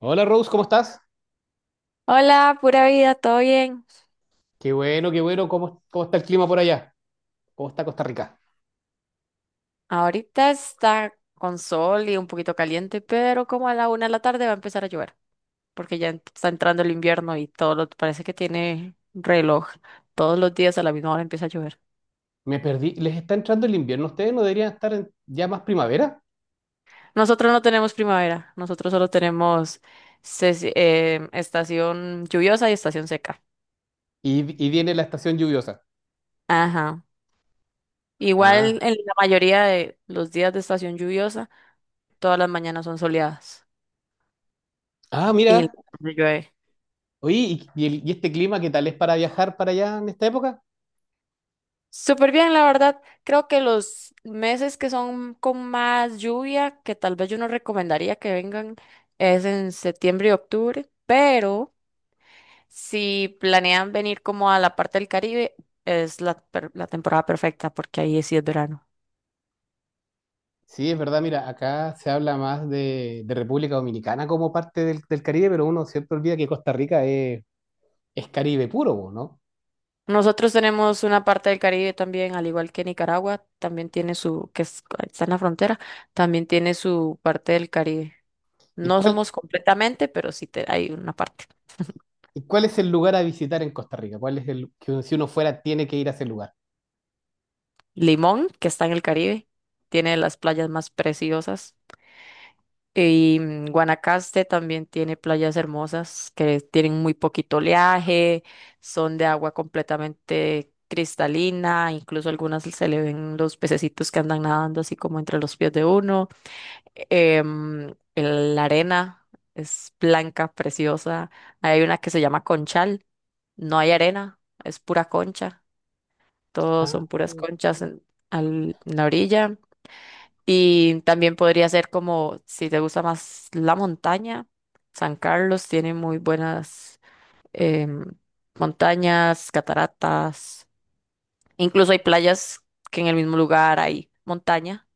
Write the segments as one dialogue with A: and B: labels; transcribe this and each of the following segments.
A: Hola Rose, ¿cómo estás?
B: Hola, pura vida, ¿todo bien?
A: Qué bueno, qué bueno. ¿Cómo está el clima por allá? ¿Cómo está Costa Rica?
B: Ahorita está con sol y un poquito caliente, pero como a la 1 de la tarde va a empezar a llover, porque ya está entrando el invierno y todo lo, parece que tiene reloj. Todos los días a la misma hora empieza a llover.
A: Me perdí. ¿Les está entrando el invierno a ustedes? ¿No deberían estar ya más primavera?
B: Nosotros no tenemos primavera, nosotros solo tenemos estación lluviosa y estación seca.
A: Y viene la estación lluviosa.
B: Ajá. Igual
A: Ah,
B: en la mayoría de los días de estación lluviosa, todas las mañanas son soleadas
A: ah,
B: y la
A: mira.
B: tarde llueve.
A: Oye, ¿y este clima qué tal es para viajar para allá en esta época?
B: Súper bien, la verdad. Creo que los meses que son con más lluvia, que tal vez yo no recomendaría que vengan, es en septiembre y octubre, pero si planean venir como a la parte del Caribe, es la temporada perfecta porque ahí sí es verano.
A: Sí, es verdad, mira, acá se habla más de República Dominicana como parte del Caribe, pero uno siempre olvida que Costa Rica es Caribe puro, ¿no?
B: Nosotros tenemos una parte del Caribe también, al igual que Nicaragua, también tiene su, está en la frontera, también tiene su parte del Caribe.
A: ¿Y
B: No
A: cuál,
B: somos completamente, pero sí, hay una parte.
A: y cuál es el lugar a visitar en Costa Rica? ¿Cuál es el que si uno fuera tiene que ir a ese lugar?
B: Limón, que está en el Caribe, tiene las playas más preciosas. Y Guanacaste también tiene playas hermosas que tienen muy poquito oleaje, son de agua completamente cristalina, incluso algunas se le ven los pececitos que andan nadando así como entre los pies de uno. La arena es blanca, preciosa. Hay una que se llama Conchal, no hay arena, es pura concha, todos son puras conchas en, en la orilla. Y también podría ser como, si te gusta más la montaña, San Carlos tiene muy buenas em, montañas, cataratas. Incluso hay playas que en el mismo lugar hay montaña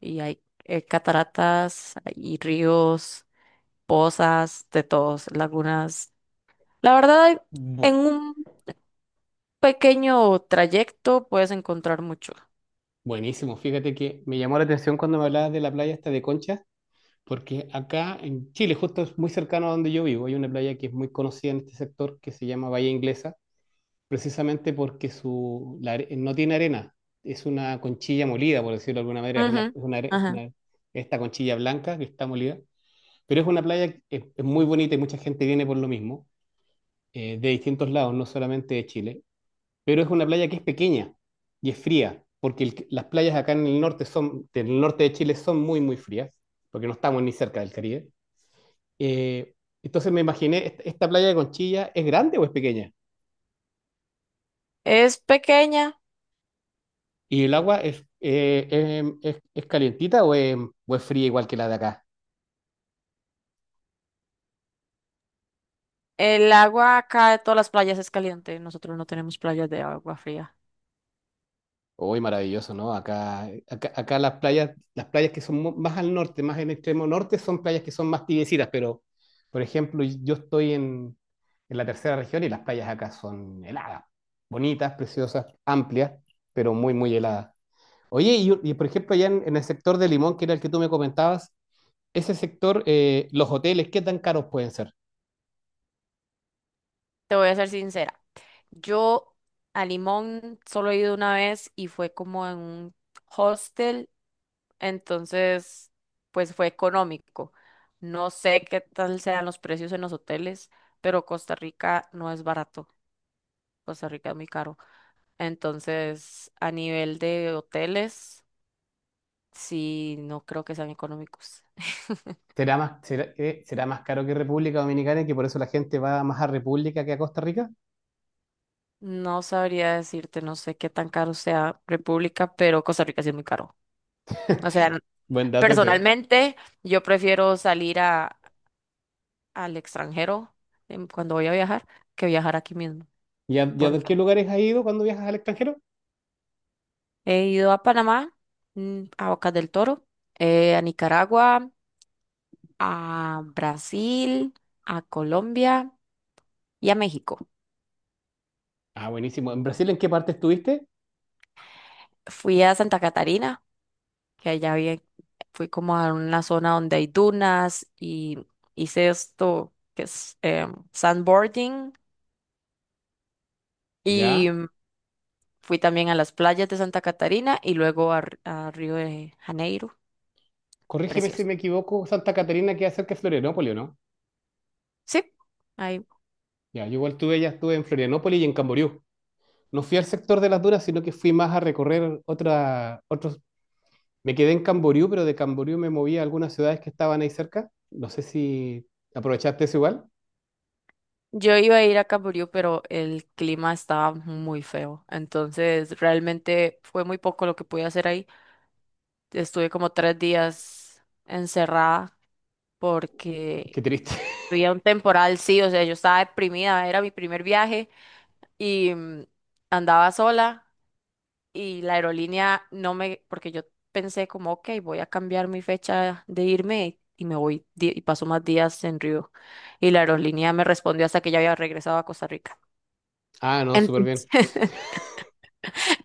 B: y hay cataratas y ríos, pozas, de todos, lagunas. La verdad, en
A: Bueno,
B: un pequeño trayecto puedes encontrar mucho.
A: buenísimo. Fíjate que me llamó la atención cuando me hablabas de la playa esta de Conchas, porque acá en Chile, justo es muy cercano a donde yo vivo, hay una playa que es muy conocida en este sector que se llama Bahía Inglesa, precisamente porque no tiene arena, es una conchilla molida, por decirlo de alguna manera, es
B: Ujú,
A: una are- es
B: ajá.
A: una- esta conchilla blanca que está molida, pero es una playa que es muy bonita y mucha gente viene por lo mismo, de distintos lados, no solamente de Chile. Pero es una playa que es pequeña y es fría, porque las playas acá en el norte del norte de Chile son muy frías, porque no estamos ni cerca del Caribe. Eh, entonces me imaginé, ¿esta playa de Conchilla es grande o es pequeña?
B: Es pequeña.
A: ¿Y el agua es calientita o o es fría igual que la de acá?
B: El agua acá de todas las playas es caliente. Nosotros no tenemos playas de agua fría.
A: Uy, maravilloso, ¿no? Acá las playas que son más al norte, más en el extremo norte, son playas que son más tibiecitas, pero, por ejemplo, yo estoy en la tercera región y las playas acá son heladas, bonitas, preciosas, amplias, pero muy heladas. Oye, por ejemplo, allá en el sector de Limón, que era el que tú me comentabas, ese sector, los hoteles, ¿qué tan caros pueden ser?
B: Te voy a ser sincera. Yo a Limón solo he ido una vez y fue como en un hostel, entonces pues fue económico. No sé qué tal sean los precios en los hoteles, pero Costa Rica no es barato. Costa Rica es muy caro. Entonces, a nivel de hoteles, sí, no creo que sean económicos.
A: ¿Será más, será más caro que República Dominicana y que por eso la gente va más a República que a Costa Rica?
B: No sabría decirte, no sé qué tan caro sea República, pero Costa Rica sí es muy caro. O sea,
A: Buen dato ese.
B: personalmente yo prefiero salir a, al extranjero cuando voy a viajar que viajar aquí mismo.
A: ¿Y a
B: Porque
A: qué lugares has ido cuando viajas al extranjero?
B: he ido a Panamá, a Bocas del Toro, a Nicaragua, a Brasil, a Colombia y a México.
A: Ah, buenísimo. ¿En Brasil en qué parte estuviste?
B: Fui a Santa Catarina que allá bien fui como a una zona donde hay dunas y hice esto que es sandboarding y
A: Ya.
B: fui también a las playas de Santa Catarina y luego a Río de Janeiro,
A: Corrígeme si
B: precioso.
A: me equivoco, Santa Catarina queda cerca de Florianópolis, ¿o ¿no?
B: Sí, ahí.
A: Ya, yo igual estuve, ya estuve en Florianópolis y en Camboriú. No fui al sector de las dunas, sino que fui más a recorrer otros... Me quedé en Camboriú, pero de Camboriú me moví a algunas ciudades que estaban ahí cerca. No sé si aprovechaste eso igual.
B: Yo iba a ir a Camboriú, pero el clima estaba muy feo, entonces realmente fue muy poco lo que pude hacer ahí. Estuve como 3 días encerrada
A: Qué
B: porque
A: triste.
B: había un temporal, sí, o sea, yo estaba deprimida, era mi primer viaje y andaba sola y la aerolínea no me, porque yo pensé como, ok, voy a cambiar mi fecha de irme y me voy y paso más días en Río. Y la aerolínea me respondió hasta que ya había regresado a Costa Rica.
A: Ah, no, súper
B: Entonces,
A: bien.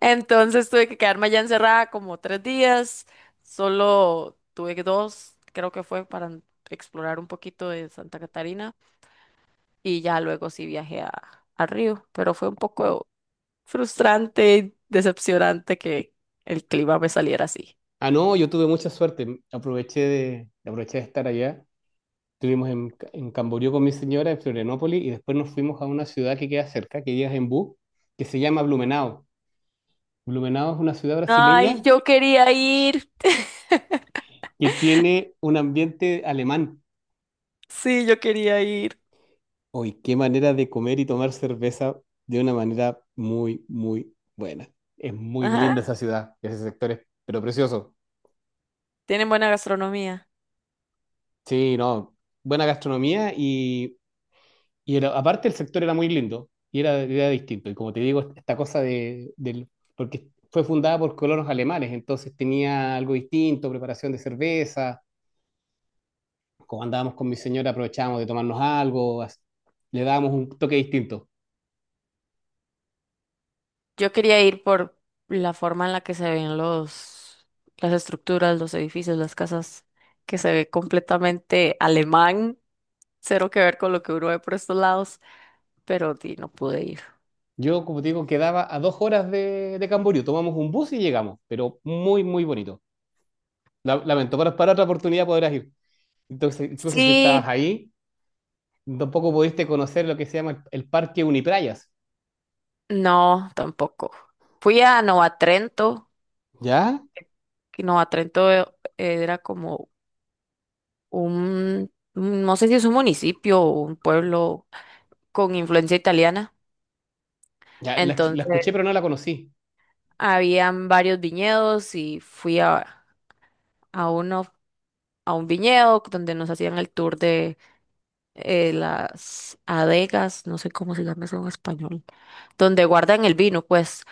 B: entonces tuve que quedarme allá encerrada como 3 días, solo tuve dos, creo que fue para explorar un poquito de Santa Catarina. Y ya luego sí viajé a Río, pero fue un poco frustrante y decepcionante que el clima me saliera así.
A: Ah, no, yo tuve mucha suerte. Aproveché de estar allá. Estuvimos en Camboriú con mi señora, en Florianópolis, y después nos fuimos a una ciudad que queda cerca, que ya es en bus, que se llama Blumenau. Blumenau es una ciudad
B: Ay,
A: brasileña
B: yo quería ir.
A: que tiene un ambiente alemán.
B: Sí, yo quería ir.
A: Hoy, qué manera de comer y tomar cerveza de una manera muy buena. Es muy linda
B: Ajá.
A: esa ciudad, ese sector es, pero precioso.
B: Tienen buena gastronomía.
A: Sí, no, buena gastronomía y aparte el sector era muy lindo y era distinto. Y como te digo, esta cosa porque fue fundada por colonos alemanes, entonces tenía algo distinto, preparación de cerveza, como andábamos con mi señora aprovechábamos de tomarnos algo, le dábamos un toque distinto.
B: Yo quería ir por la forma en la que se ven los, las estructuras, los edificios, las casas, que se ve completamente alemán, cero que ver con lo que uno ve por estos lados, pero di, no pude ir.
A: Yo, como te digo, quedaba a dos horas de Camboriú, tomamos un bus y llegamos, pero muy bonito. Lamento, pero para otra oportunidad podrás ir. Entonces, incluso si estabas
B: Sí.
A: ahí, tampoco pudiste conocer lo que se llama el Parque Uniprayas.
B: No, tampoco. Fui a Nova Trento,
A: ¿Ya?
B: que Nova Trento era como un, no sé si es un municipio o un pueblo con influencia italiana.
A: Ya, la
B: Entonces,
A: escuché, pero no la conocí.
B: habían varios viñedos y fui a uno, a un viñedo donde nos hacían el tour de las adegas, no sé cómo se llama eso en español, donde guardan el vino, pues.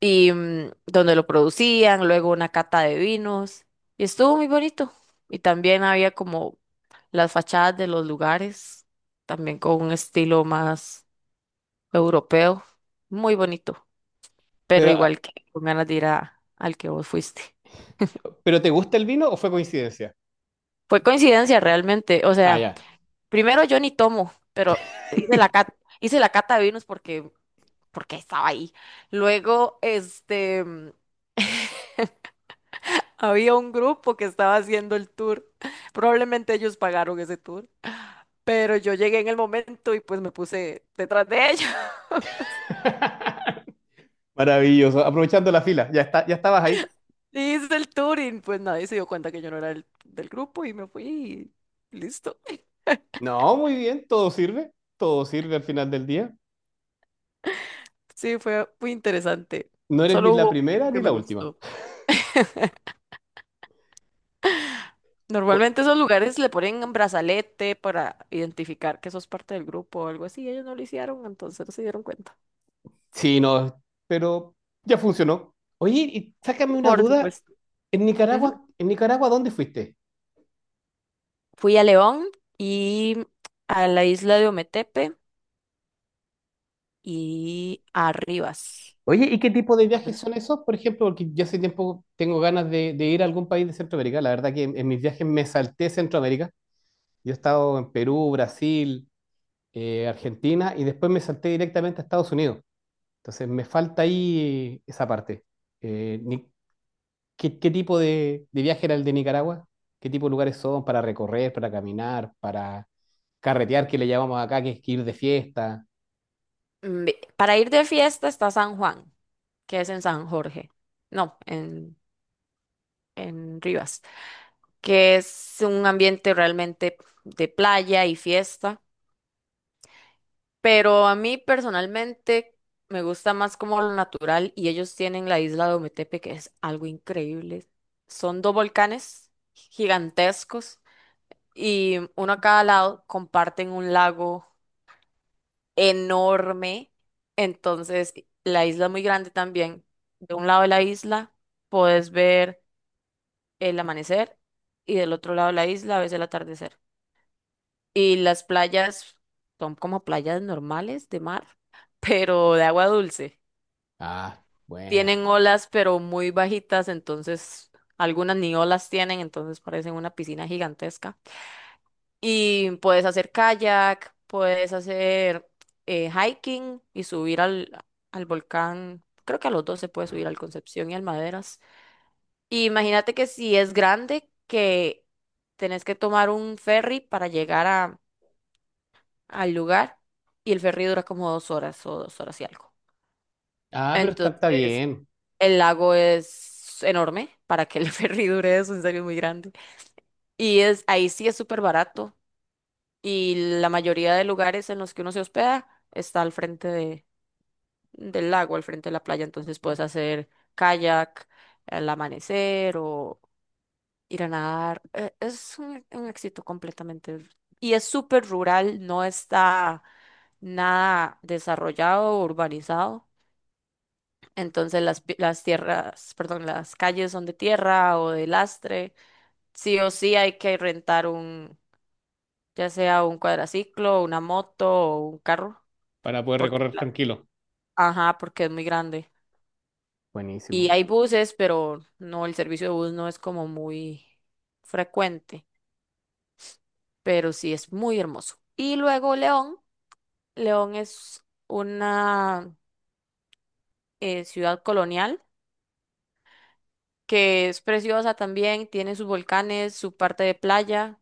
B: Y donde lo producían, luego una cata de vinos, y estuvo muy bonito. Y también había como las fachadas de los lugares, también con un estilo más europeo, muy bonito, pero
A: Pero, ah,
B: igual que con ganas de ir al que vos fuiste.
A: ¿pero te gusta el vino o fue coincidencia?
B: Fue coincidencia realmente, o
A: Ah,
B: sea,
A: ya.
B: primero yo ni tomo, pero hice la cata de vinos porque, porque estaba ahí. Luego, este, había un grupo que estaba haciendo el tour. Probablemente ellos pagaron ese tour. Pero yo llegué en el momento y pues me puse detrás de ellos.
A: Maravilloso. Aprovechando la fila, ya está, ya estabas ahí.
B: Y hice el tour y pues nadie se dio cuenta que yo no era del, del grupo y me fui y listo.
A: No, muy bien, todo sirve al final del día.
B: Sí, fue muy interesante.
A: No eres ni
B: Solo
A: la
B: hubo un
A: primera
B: poquito
A: ni
B: que me
A: la última.
B: gustó.
A: O-
B: Normalmente esos lugares le ponen un brazalete para identificar que sos parte del grupo o algo así. Ellos no lo hicieron, entonces no se dieron cuenta.
A: sí, no, pero ya funcionó. Oye, y sácame una
B: Por
A: duda.
B: supuesto. Ujú.
A: En Nicaragua, ¿dónde fuiste?
B: Fui a León y a la isla de Ometepe y Arribas.
A: Oye, ¿y qué tipo de
B: San Juan del
A: viajes
B: Sur.
A: son esos? Por ejemplo, porque yo hace tiempo tengo ganas de ir a algún país de Centroamérica. La verdad que en mis viajes me salté Centroamérica. Yo he estado en Perú, Brasil, Argentina y después me salté directamente a Estados Unidos. Entonces me falta ahí esa parte. Eh, ni- qué tipo de viaje era el de Nicaragua? ¿Qué tipo de lugares son para recorrer, para caminar, para carretear, que le llamamos acá, que es que ir de fiesta?
B: Para ir de fiesta está San Juan, que es en San Jorge. No, en Rivas, que es un ambiente realmente de playa y fiesta. Pero a mí personalmente me gusta más como lo natural y ellos tienen la isla de Ometepe, que es algo increíble. Son dos volcanes gigantescos y uno a cada lado comparten un lago enorme, entonces la isla es muy grande también. De un lado de la isla puedes ver el amanecer y del otro lado de la isla ves el atardecer. Y las playas son como playas normales de mar, pero de agua dulce.
A: Ah, buena.
B: Tienen olas, pero muy bajitas, entonces algunas ni olas tienen, entonces parecen una piscina gigantesca. Y puedes hacer kayak, puedes hacer hiking y subir al volcán. Creo que a los dos se puede subir al Concepción y al Maderas. Y imagínate que si es grande, que tenés que tomar un ferry para llegar al lugar y el ferry dura como 2 horas o 2 horas y algo.
A: Ah, pero está, está
B: Entonces,
A: bien,
B: el lago es enorme para que el ferry dure eso, en serio es muy grande. Y ahí sí es súper barato. Y la mayoría de lugares en los que uno se hospeda está al frente del lago, al frente de la playa, entonces puedes hacer kayak al amanecer o ir a nadar. Es un éxito completamente. Y es súper rural, no está nada desarrollado o urbanizado. Entonces las, las tierras, perdón, las calles son de tierra o de lastre. Sí o sí hay que rentar ya sea un cuadraciclo, una moto o un carro
A: para poder
B: porque,
A: recorrer tranquilo.
B: ajá, porque es muy grande. Y
A: Buenísimo.
B: hay buses, pero no, el servicio de bus no es como muy frecuente, pero sí es muy hermoso. Y luego León, León es una ciudad colonial que es preciosa también, tiene sus volcanes, su parte de playa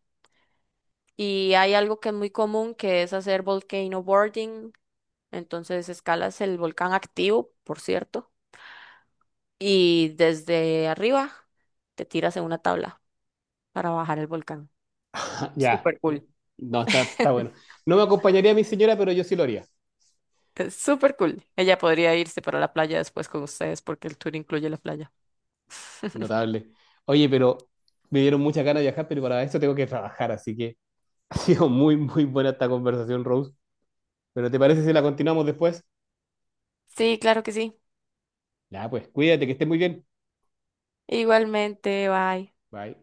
B: y hay algo que es muy común que es hacer volcano boarding, entonces escalas el volcán activo, por cierto, y desde arriba te tiras en una tabla para bajar el volcán.
A: Ah, ya,
B: Súper cool.
A: no, está, está bueno. No me acompañaría mi señora, pero yo sí lo haría.
B: Es súper cool. Ella podría irse para la playa después con ustedes porque el tour incluye la playa.
A: Notable. Oye, pero me dieron muchas ganas de viajar, pero para esto tengo que trabajar, así que ha sido muy, muy buena esta conversación, Rose. Pero ¿te parece si la continuamos después?
B: Sí, claro que sí.
A: Ya, pues cuídate, que estés muy bien.
B: Igualmente, bye.
A: Bye.